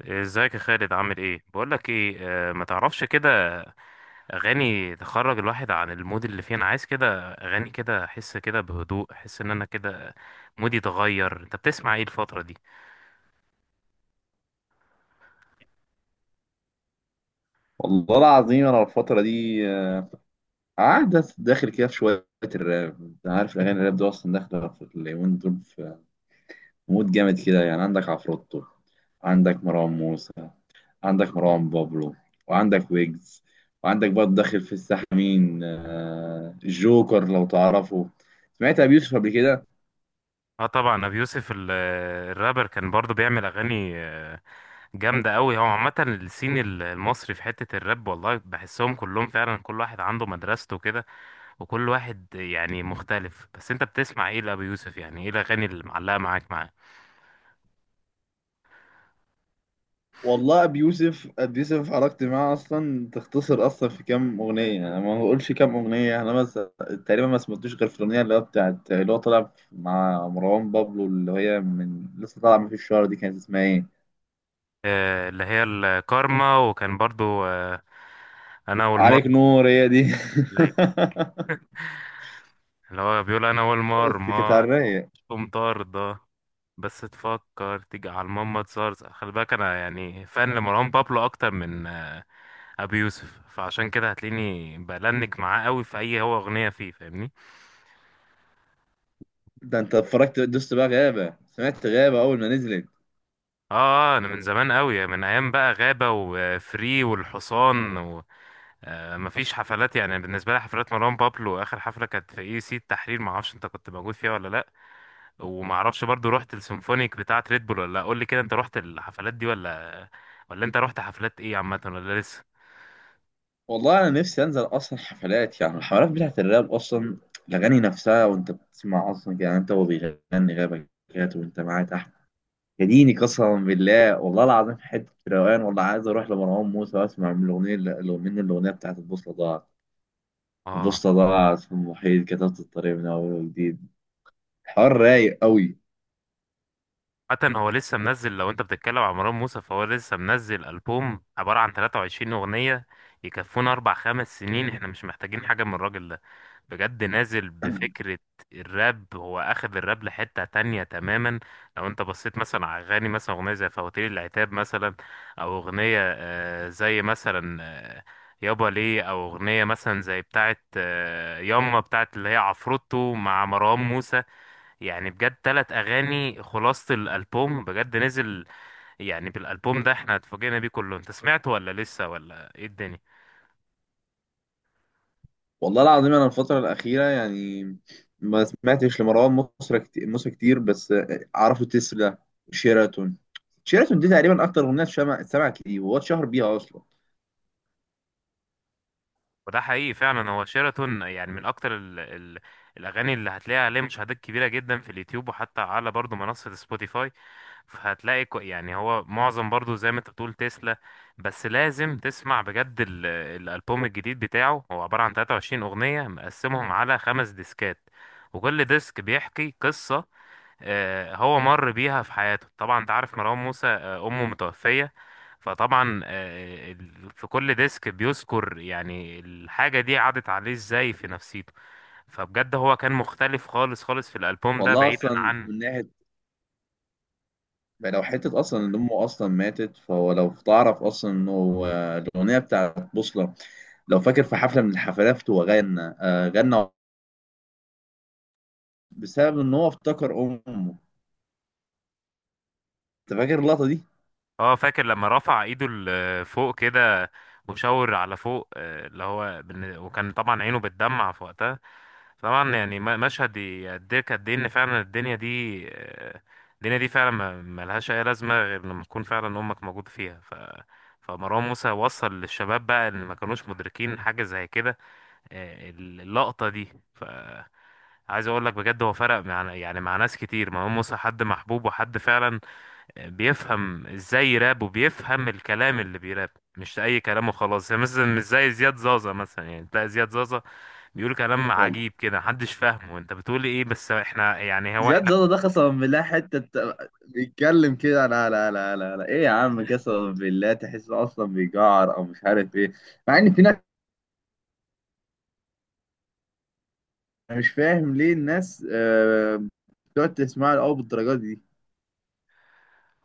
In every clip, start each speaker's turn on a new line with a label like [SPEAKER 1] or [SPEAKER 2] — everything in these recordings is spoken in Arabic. [SPEAKER 1] ازيك يا خالد؟ عامل ايه؟ بقول لك ايه، ما تعرفش كده اغاني تخرج الواحد عن المود اللي فيه. انا عايز كده اغاني كده، احس كده بهدوء، احس ان انا كده مودي اتغير. انت بتسمع ايه الفتره دي؟
[SPEAKER 2] والله العظيم، انا الفتره دي قاعد داخل كده في شويه الراب. انت عارف الاغاني الراب دي اصلا داخله في اليومين دول في مود جامد كده، يعني عندك عفروتو، عندك مروان موسى، عندك مروان بابلو، وعندك ويجز، وعندك برضه داخل في الساحه مين جوكر، لو تعرفه. سمعت ابي يوسف قبل كده؟
[SPEAKER 1] اه طبعا، ابي يوسف الرابر كان برضو بيعمل اغاني جامده قوي. هو عامه السين المصري في حته الراب والله بحسهم كلهم فعلا، كل واحد عنده مدرسته كده، وكل واحد يعني مختلف. بس انت بتسمع ايه لابي يوسف؟ يعني ايه الاغاني اللي معلقه معاه؟
[SPEAKER 2] والله ابي يوسف، ابي يوسف حركت معاه اصلا تختصر، اصلا في كام اغنيه، انا ما بقولش كام اغنيه يعني. انا بس تقريبا ما سمعتوش غير في الاغنيه اللي هو بتاعت، اللي هو طالع مع مروان بابلو، اللي هي من لسه طالعه من في الشهر دي، كانت اسمها ايه؟
[SPEAKER 1] اللي هي الكارما، وكان برضو انا
[SPEAKER 2] عليك
[SPEAKER 1] والمرمى.
[SPEAKER 2] نور، هي دي.
[SPEAKER 1] أيوة، اللي هو بيقول انا
[SPEAKER 2] بس كانت على
[SPEAKER 1] والمرمى،
[SPEAKER 2] الرايق.
[SPEAKER 1] تقوم طاردة. بس تفكر تيجي على الماما تزرزق، خلي بالك، انا يعني فان لمروان بابلو اكتر من ابي يوسف، فعشان كده هتلاقيني بلنك معاه قوي في اي هو اغنية فيه، فاهمني؟
[SPEAKER 2] ده انت اتفرجت دوست بقى غابه؟ سمعت غابه اول ما نزلت.
[SPEAKER 1] اه انا من زمان قوي، من ايام بقى غابة وفري والحصان و... مفيش حفلات يعني بالنسبة لي. حفلات مروان بابلو آخر حفلة كانت في اي سي التحرير، معرفش انت كنت موجود فيها ولا لأ، ومعرفش برضو رحت السيمفونيك بتاعة ريد بول ولا لا. قول لي كده، انت رحت الحفلات دي ولا ولا انت رحت حفلات ايه عامة ولا لسه؟
[SPEAKER 2] والله انا نفسي انزل اصلا حفلات، يعني الحفلات بتاعت الراب، اصلا الاغاني نفسها. وانت بتسمع اصلا، يعني انت وهو بيغني غابه كده وانت معاه تحت، يا ديني! قسما بالله، والله العظيم، حته روقان. والله عايز اروح لمروان موسى واسمع من الاغنيه من الاغنيه بتاعت البوصله ضاعت.
[SPEAKER 1] اه
[SPEAKER 2] البوصله ضاعت في المحيط، كتبت الطريق من اول وجديد. حوار رايق قوي.
[SPEAKER 1] حتى هو لسه منزل. لو انت بتتكلم عن مروان موسى، فهو لسه منزل ألبوم عبارة عن 23 أغنية يكفونا أربع خمس سنين. احنا مش محتاجين حاجة من الراجل ده بجد، نازل بفكرة. الراب هو أخذ الراب لحتة تانية تماما. لو انت بصيت مثلا على أغاني، مثلا أغنية زي فواتير العتاب مثلا، أو أغنية زي مثلا يابا ليه، أو أغنية مثلا زي بتاعت ياما بتاعت اللي هي عفروتو مع مروان موسى. يعني بجد تلات أغاني خلاصة الألبوم بجد نزل. يعني بالألبوم ده احنا اتفاجئنا بيه كله. انت سمعته ولا لسه ولا ايه الدنيا؟
[SPEAKER 2] والله العظيم انا الفتره الاخيره يعني ما سمعتش لمروان موسى كتير، موسى كتير، بس اعرفه تسلا وشيراتون. شيراتون دي تقريبا اكتر اغنيه اتسمعت ليه، وهو اتشهر بيها اصلا.
[SPEAKER 1] وده حقيقي فعلا، هو شيراتون يعني من أكتر ال الأغاني اللي هتلاقيها عليه مشاهدات كبيرة جدا في اليوتيوب، وحتى على برضه منصة سبوتيفاي. فهتلاقي يعني هو معظم برضه زي ما انت بتقول تسلا. بس لازم تسمع بجد الألبوم الجديد بتاعه، هو عبارة عن 23 أغنية مقسمهم على خمس ديسكات، وكل ديسك بيحكي قصة هو مر بيها في حياته. طبعا انت عارف مروان موسى، امه متوفية. فطبعا في كل ديسك بيذكر يعني الحاجة دي عدت عليه ازاي في نفسيته. فبجد هو كان مختلف خالص خالص في الألبوم ده،
[SPEAKER 2] والله
[SPEAKER 1] بعيدا
[SPEAKER 2] اصلا
[SPEAKER 1] عن...
[SPEAKER 2] من ناحيه، لو حتة أصلا إن أمه أصلا ماتت، فهو لو تعرف أصلا إنه الأغنية بتاعت بوصلة، لو فاكر في حفلة من الحفلات هو غنى بسبب إن هو افتكر أمه. أنت فاكر اللقطة دي؟
[SPEAKER 1] اه، فاكر لما رفع ايده لفوق كده وشاور على فوق، اللي هو وكان طبعا عينه بتدمع في وقتها. طبعا يعني مشهد يقدرك قد ايه ان فعلا الدنيا دي الدنيا دي فعلا ملهاش اي لازمه غير لما تكون فعلا امك موجود فيها. فمروان موسى وصل للشباب بقى، اللي ما كانوش مدركين حاجه زي كده اللقطه دي. ف عايز اقول لك بجد، هو فرق مع يعني مع ناس كتير. مروان موسى حد محبوب وحد فعلا بيفهم ازاي يراب، وبيفهم الكلام اللي بيراب، مش اي كلام وخلاص. يعني مثلا مش زي زياد زازا مثلا، يعني تلاقي زياد زازا بيقول كلام
[SPEAKER 2] والله
[SPEAKER 1] عجيب كده، محدش فاهمه، انت بتقول ايه؟ بس احنا يعني هو
[SPEAKER 2] زياد
[SPEAKER 1] احنا
[SPEAKER 2] زادة ده قسما بالله، بيتكلم كده، لا لا لا لا لا، إيه يا عم؟ قسما بالله تحس أصلا بيجعر أو مش عارف إيه، مع إن في ناس. أنا مش فاهم ليه الناس بتقعد تسمعها أو بالدرجات دي.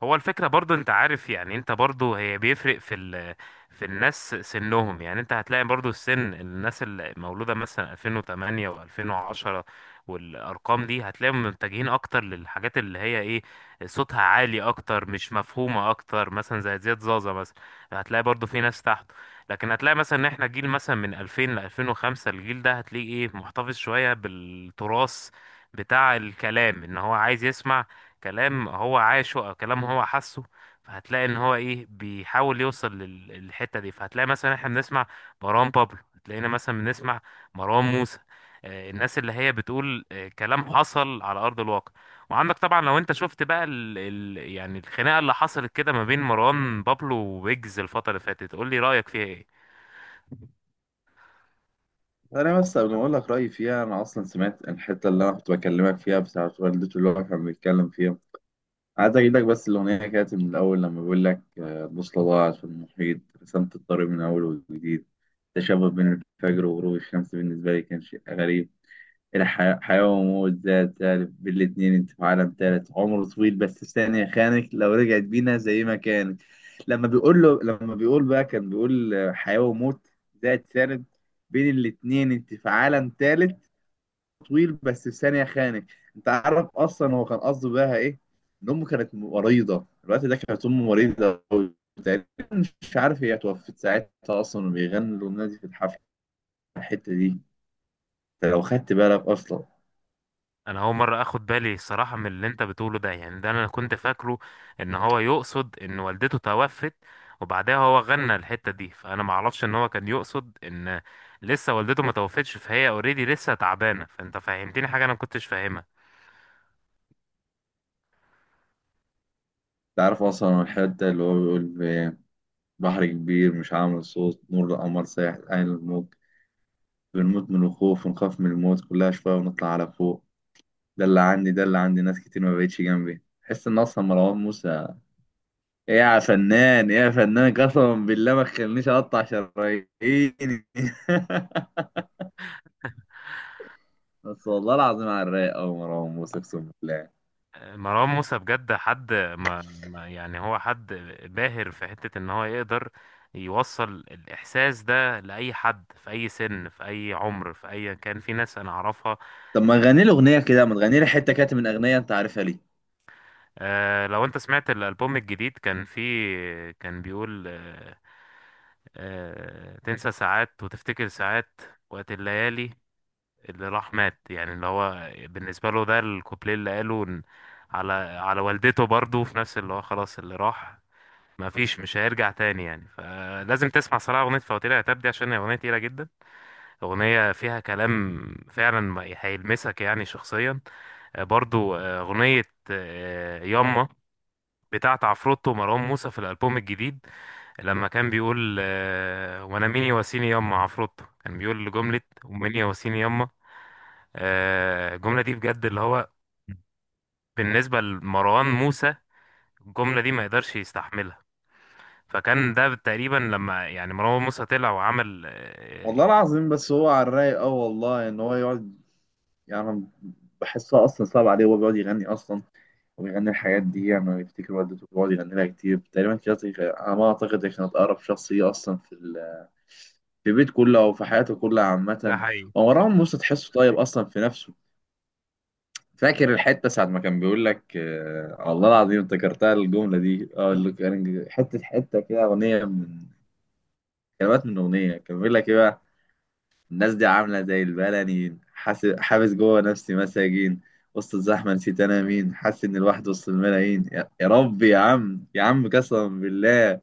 [SPEAKER 1] هو الفكرة. برضو انت عارف يعني، انت برضو هي بيفرق في ال في الناس سنهم يعني. انت هتلاقي برضو السن، الناس المولودة مثلا 2008 و2010 والارقام دي هتلاقيهم متجهين اكتر للحاجات اللي هي ايه، صوتها عالي اكتر، مش مفهومة اكتر، مثلا زي زياد زازا مثلا. هتلاقي برضو في ناس تحته. لكن هتلاقي مثلا ان احنا جيل مثلا من 2000 ل 2005، الجيل ده هتلاقيه ايه، محتفظ شوية بالتراث بتاع الكلام، ان هو عايز يسمع كلام هو عاشه او كلام هو حاسه. فهتلاقي ان هو ايه، بيحاول يوصل للحته دي. فهتلاقي مثلا احنا بنسمع مروان بابلو، هتلاقينا مثلا بنسمع مروان موسى الناس اللي هي بتقول كلام حصل على ارض الواقع. وعندك طبعا، لو انت شفت بقى ال يعني الخناقه اللي حصلت كده ما بين مروان بابلو وويجز الفتره اللي فاتت، قول لي رايك فيها ايه.
[SPEAKER 2] انا بس قبل ما اقول لك رايي فيها، انا اصلا سمعت الحته اللي انا كنت بكلمك فيها بتاعه والدته، اللي هو كان بيتكلم فيها. عايز اجيب لك بس الاغنيه كانت من الاول، لما بيقول لك البوصله ضاعت في المحيط، رسمت الطريق من اول وجديد. تشابه بين الفجر وغروب الشمس بالنسبه لي كان شيء غريب. إلى حياة، حياة وموت، ذات ألف بالاتنين، أنت في عالم تالت، عمره طويل بس ثانية خانك، لو رجعت بينا زي ما كانت. لما بيقول بقى، كان بيقول حياة وموت، ذات ثالث، بين الاتنين أنت في عالم تالت، طويل بس ثانية خانك. أنت عارف أصلا هو كان قصده بقى إيه؟ إن أمه كانت مريضة الوقت ده، كانت أمه مريضة أوي تقريبا. مش عارف هي توفت ساعتها أصلا وبيغنوا الأغنية دي في الحفلة، الحتة دي. أنت لو خدت بالك أصلا
[SPEAKER 1] انا اول مره اخد بالي الصراحه من اللي انت بتقوله ده، يعني ده انا كنت فاكره ان هو يقصد ان والدته توفت وبعدها هو غنى الحته دي. فانا ما اعرفش ان هو كان يقصد ان لسه والدته ما توفتش، فهي اوريدي لسه تعبانه. فانت فهمتني حاجه انا ما كنتش فاهمها.
[SPEAKER 2] تعرف أصلا الحتة اللي هو بيقول في: بحر كبير مش عامل صوت، نور القمر سايح عين الموج، بنموت من الخوف ونخاف من الموت، كلها شوية ونطلع على فوق. ده اللي عندي، ده اللي عندي ناس كتير ما بقتش جنبي، تحس إن أصلا مروان موسى، إيه يا فنان، إيه يا فنان، قسما بالله ما تخلينيش أقطع شراييني. بس والله العظيم على الرايق أوي مروان موسى، أقسم بالله.
[SPEAKER 1] مروان موسى بجد حد يعني هو حد باهر في حته ان هو يقدر يوصل الاحساس ده لاي حد، في اي سن، في اي عمر، في اي كان. في ناس انا اعرفها.
[SPEAKER 2] طب ما تغني لي أغنية كده، ما تغني لي حتة كاتب من أغنية، أنت عارفها ليه.
[SPEAKER 1] آه، لو انت سمعت الالبوم الجديد، كان فيه كان بيقول تنسى ساعات وتفتكر ساعات، وقت الليالي اللي راح مات. يعني اللي هو بالنسبه له ده الكوبليه اللي قاله على على والدته برضه، في نفس اللي هو خلاص اللي راح ما فيش، مش هيرجع تاني يعني. فلازم تسمع صراحه اغنيه فواتير يا تاب دي، عشان هي اغنيه تقيله جدا، اغنيه فيها كلام فعلا هيلمسك يعني شخصيا. برضو اغنيه ياما بتاعة عفروتو ومروان موسى في الألبوم الجديد، لما كان بيقول وأنا مين يواسيني يما. عفروتو كان بيقول جملة ومين يواسيني يما، الجملة دي بجد اللي هو بالنسبة لمروان موسى الجملة دي ما يقدرش يستحملها. فكان ده تقريبا لما يعني مروان موسى طلع وعمل
[SPEAKER 2] والله العظيم بس هو على الرايق أوي، والله إن هو يقعد، يعني أنا بحسها أصلا صعب عليه وهو بيقعد يغني أصلا، وبيغني الحاجات دي يعني بيفتكر والدته، بيقعد يغني لها كتير تقريبا كده على ما أعتقد هي كانت أقرب شخصية أصلا في البيت كله أو في حياته كلها
[SPEAKER 1] ده
[SPEAKER 2] عامة.
[SPEAKER 1] حقيقي.
[SPEAKER 2] ومروان موسى تحسه طيب أصلا في نفسه. فاكر الحتة ساعة ما كان بيقول لك والله العظيم، افتكرتها الجملة دي، اللي كان حتة حتة كده أغنية، من كلمات من أغنية كان بيقول لك إيه بقى: الناس دي عاملة زي البلنيين، حابس جوه نفسي مساجين، وسط الزحمة نسيت أنا مين، حاسس إن الواحد وسط الملايين، يا ربي، يا عم، يا عم، قسما بالله.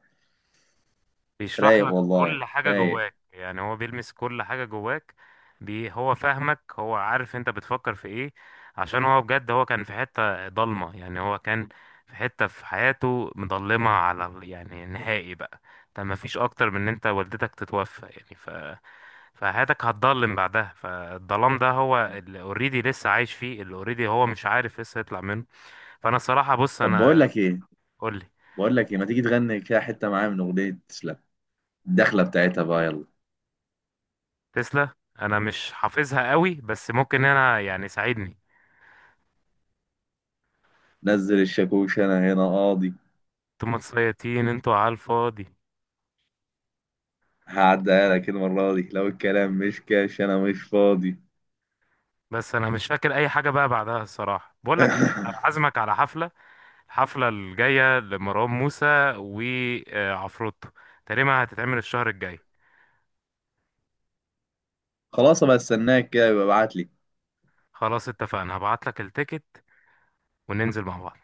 [SPEAKER 1] بيشرح
[SPEAKER 2] رايق
[SPEAKER 1] لك
[SPEAKER 2] والله،
[SPEAKER 1] كل حاجة
[SPEAKER 2] رايق.
[SPEAKER 1] جواك، يعني هو بيلمس كل حاجة جواك. بي هو فاهمك، هو عارف انت بتفكر في ايه، عشان هو بجد هو كان في حتة ضلمة، يعني هو كان في حتة في حياته مضلمة على يعني نهائي بقى. انت ما فيش اكتر من ان انت والدتك تتوفى يعني، ف... فحياتك هتضلم بعدها. فالظلام ده هو اللي اوريدي لسه عايش فيه، اللي اوريدي هو مش عارف لسه يطلع منه. فانا الصراحة بص
[SPEAKER 2] طب بقول
[SPEAKER 1] انا
[SPEAKER 2] لك إيه،
[SPEAKER 1] قولي
[SPEAKER 2] بقول لك إيه، ما تيجي تغني كده حتة معايا من أغنية تسلم، الدخلة بتاعتها بقى، يلا:
[SPEAKER 1] تسلا. انا مش حافظها قوي بس ممكن انا يعني ساعدني.
[SPEAKER 2] نزل الشاكوش أنا هنا قاضي،
[SPEAKER 1] انتوا متسيطين انتوا على الفاضي.
[SPEAKER 2] هعديها لك المرة دي لو الكلام مش كاش أنا مش فاضي.
[SPEAKER 1] بس انا مش فاكر اي حاجه بقى بعدها الصراحه. بقول لك ايه، أنا عازمك على حفله، الحفله الجايه لمروان موسى وعفروتو، تقريبا هتتعمل الشهر الجاي.
[SPEAKER 2] خلاص بقى، استناك كده يبقى ابعت لي.
[SPEAKER 1] خلاص اتفقنا، هبعت لك التيكت وننزل مع بعض.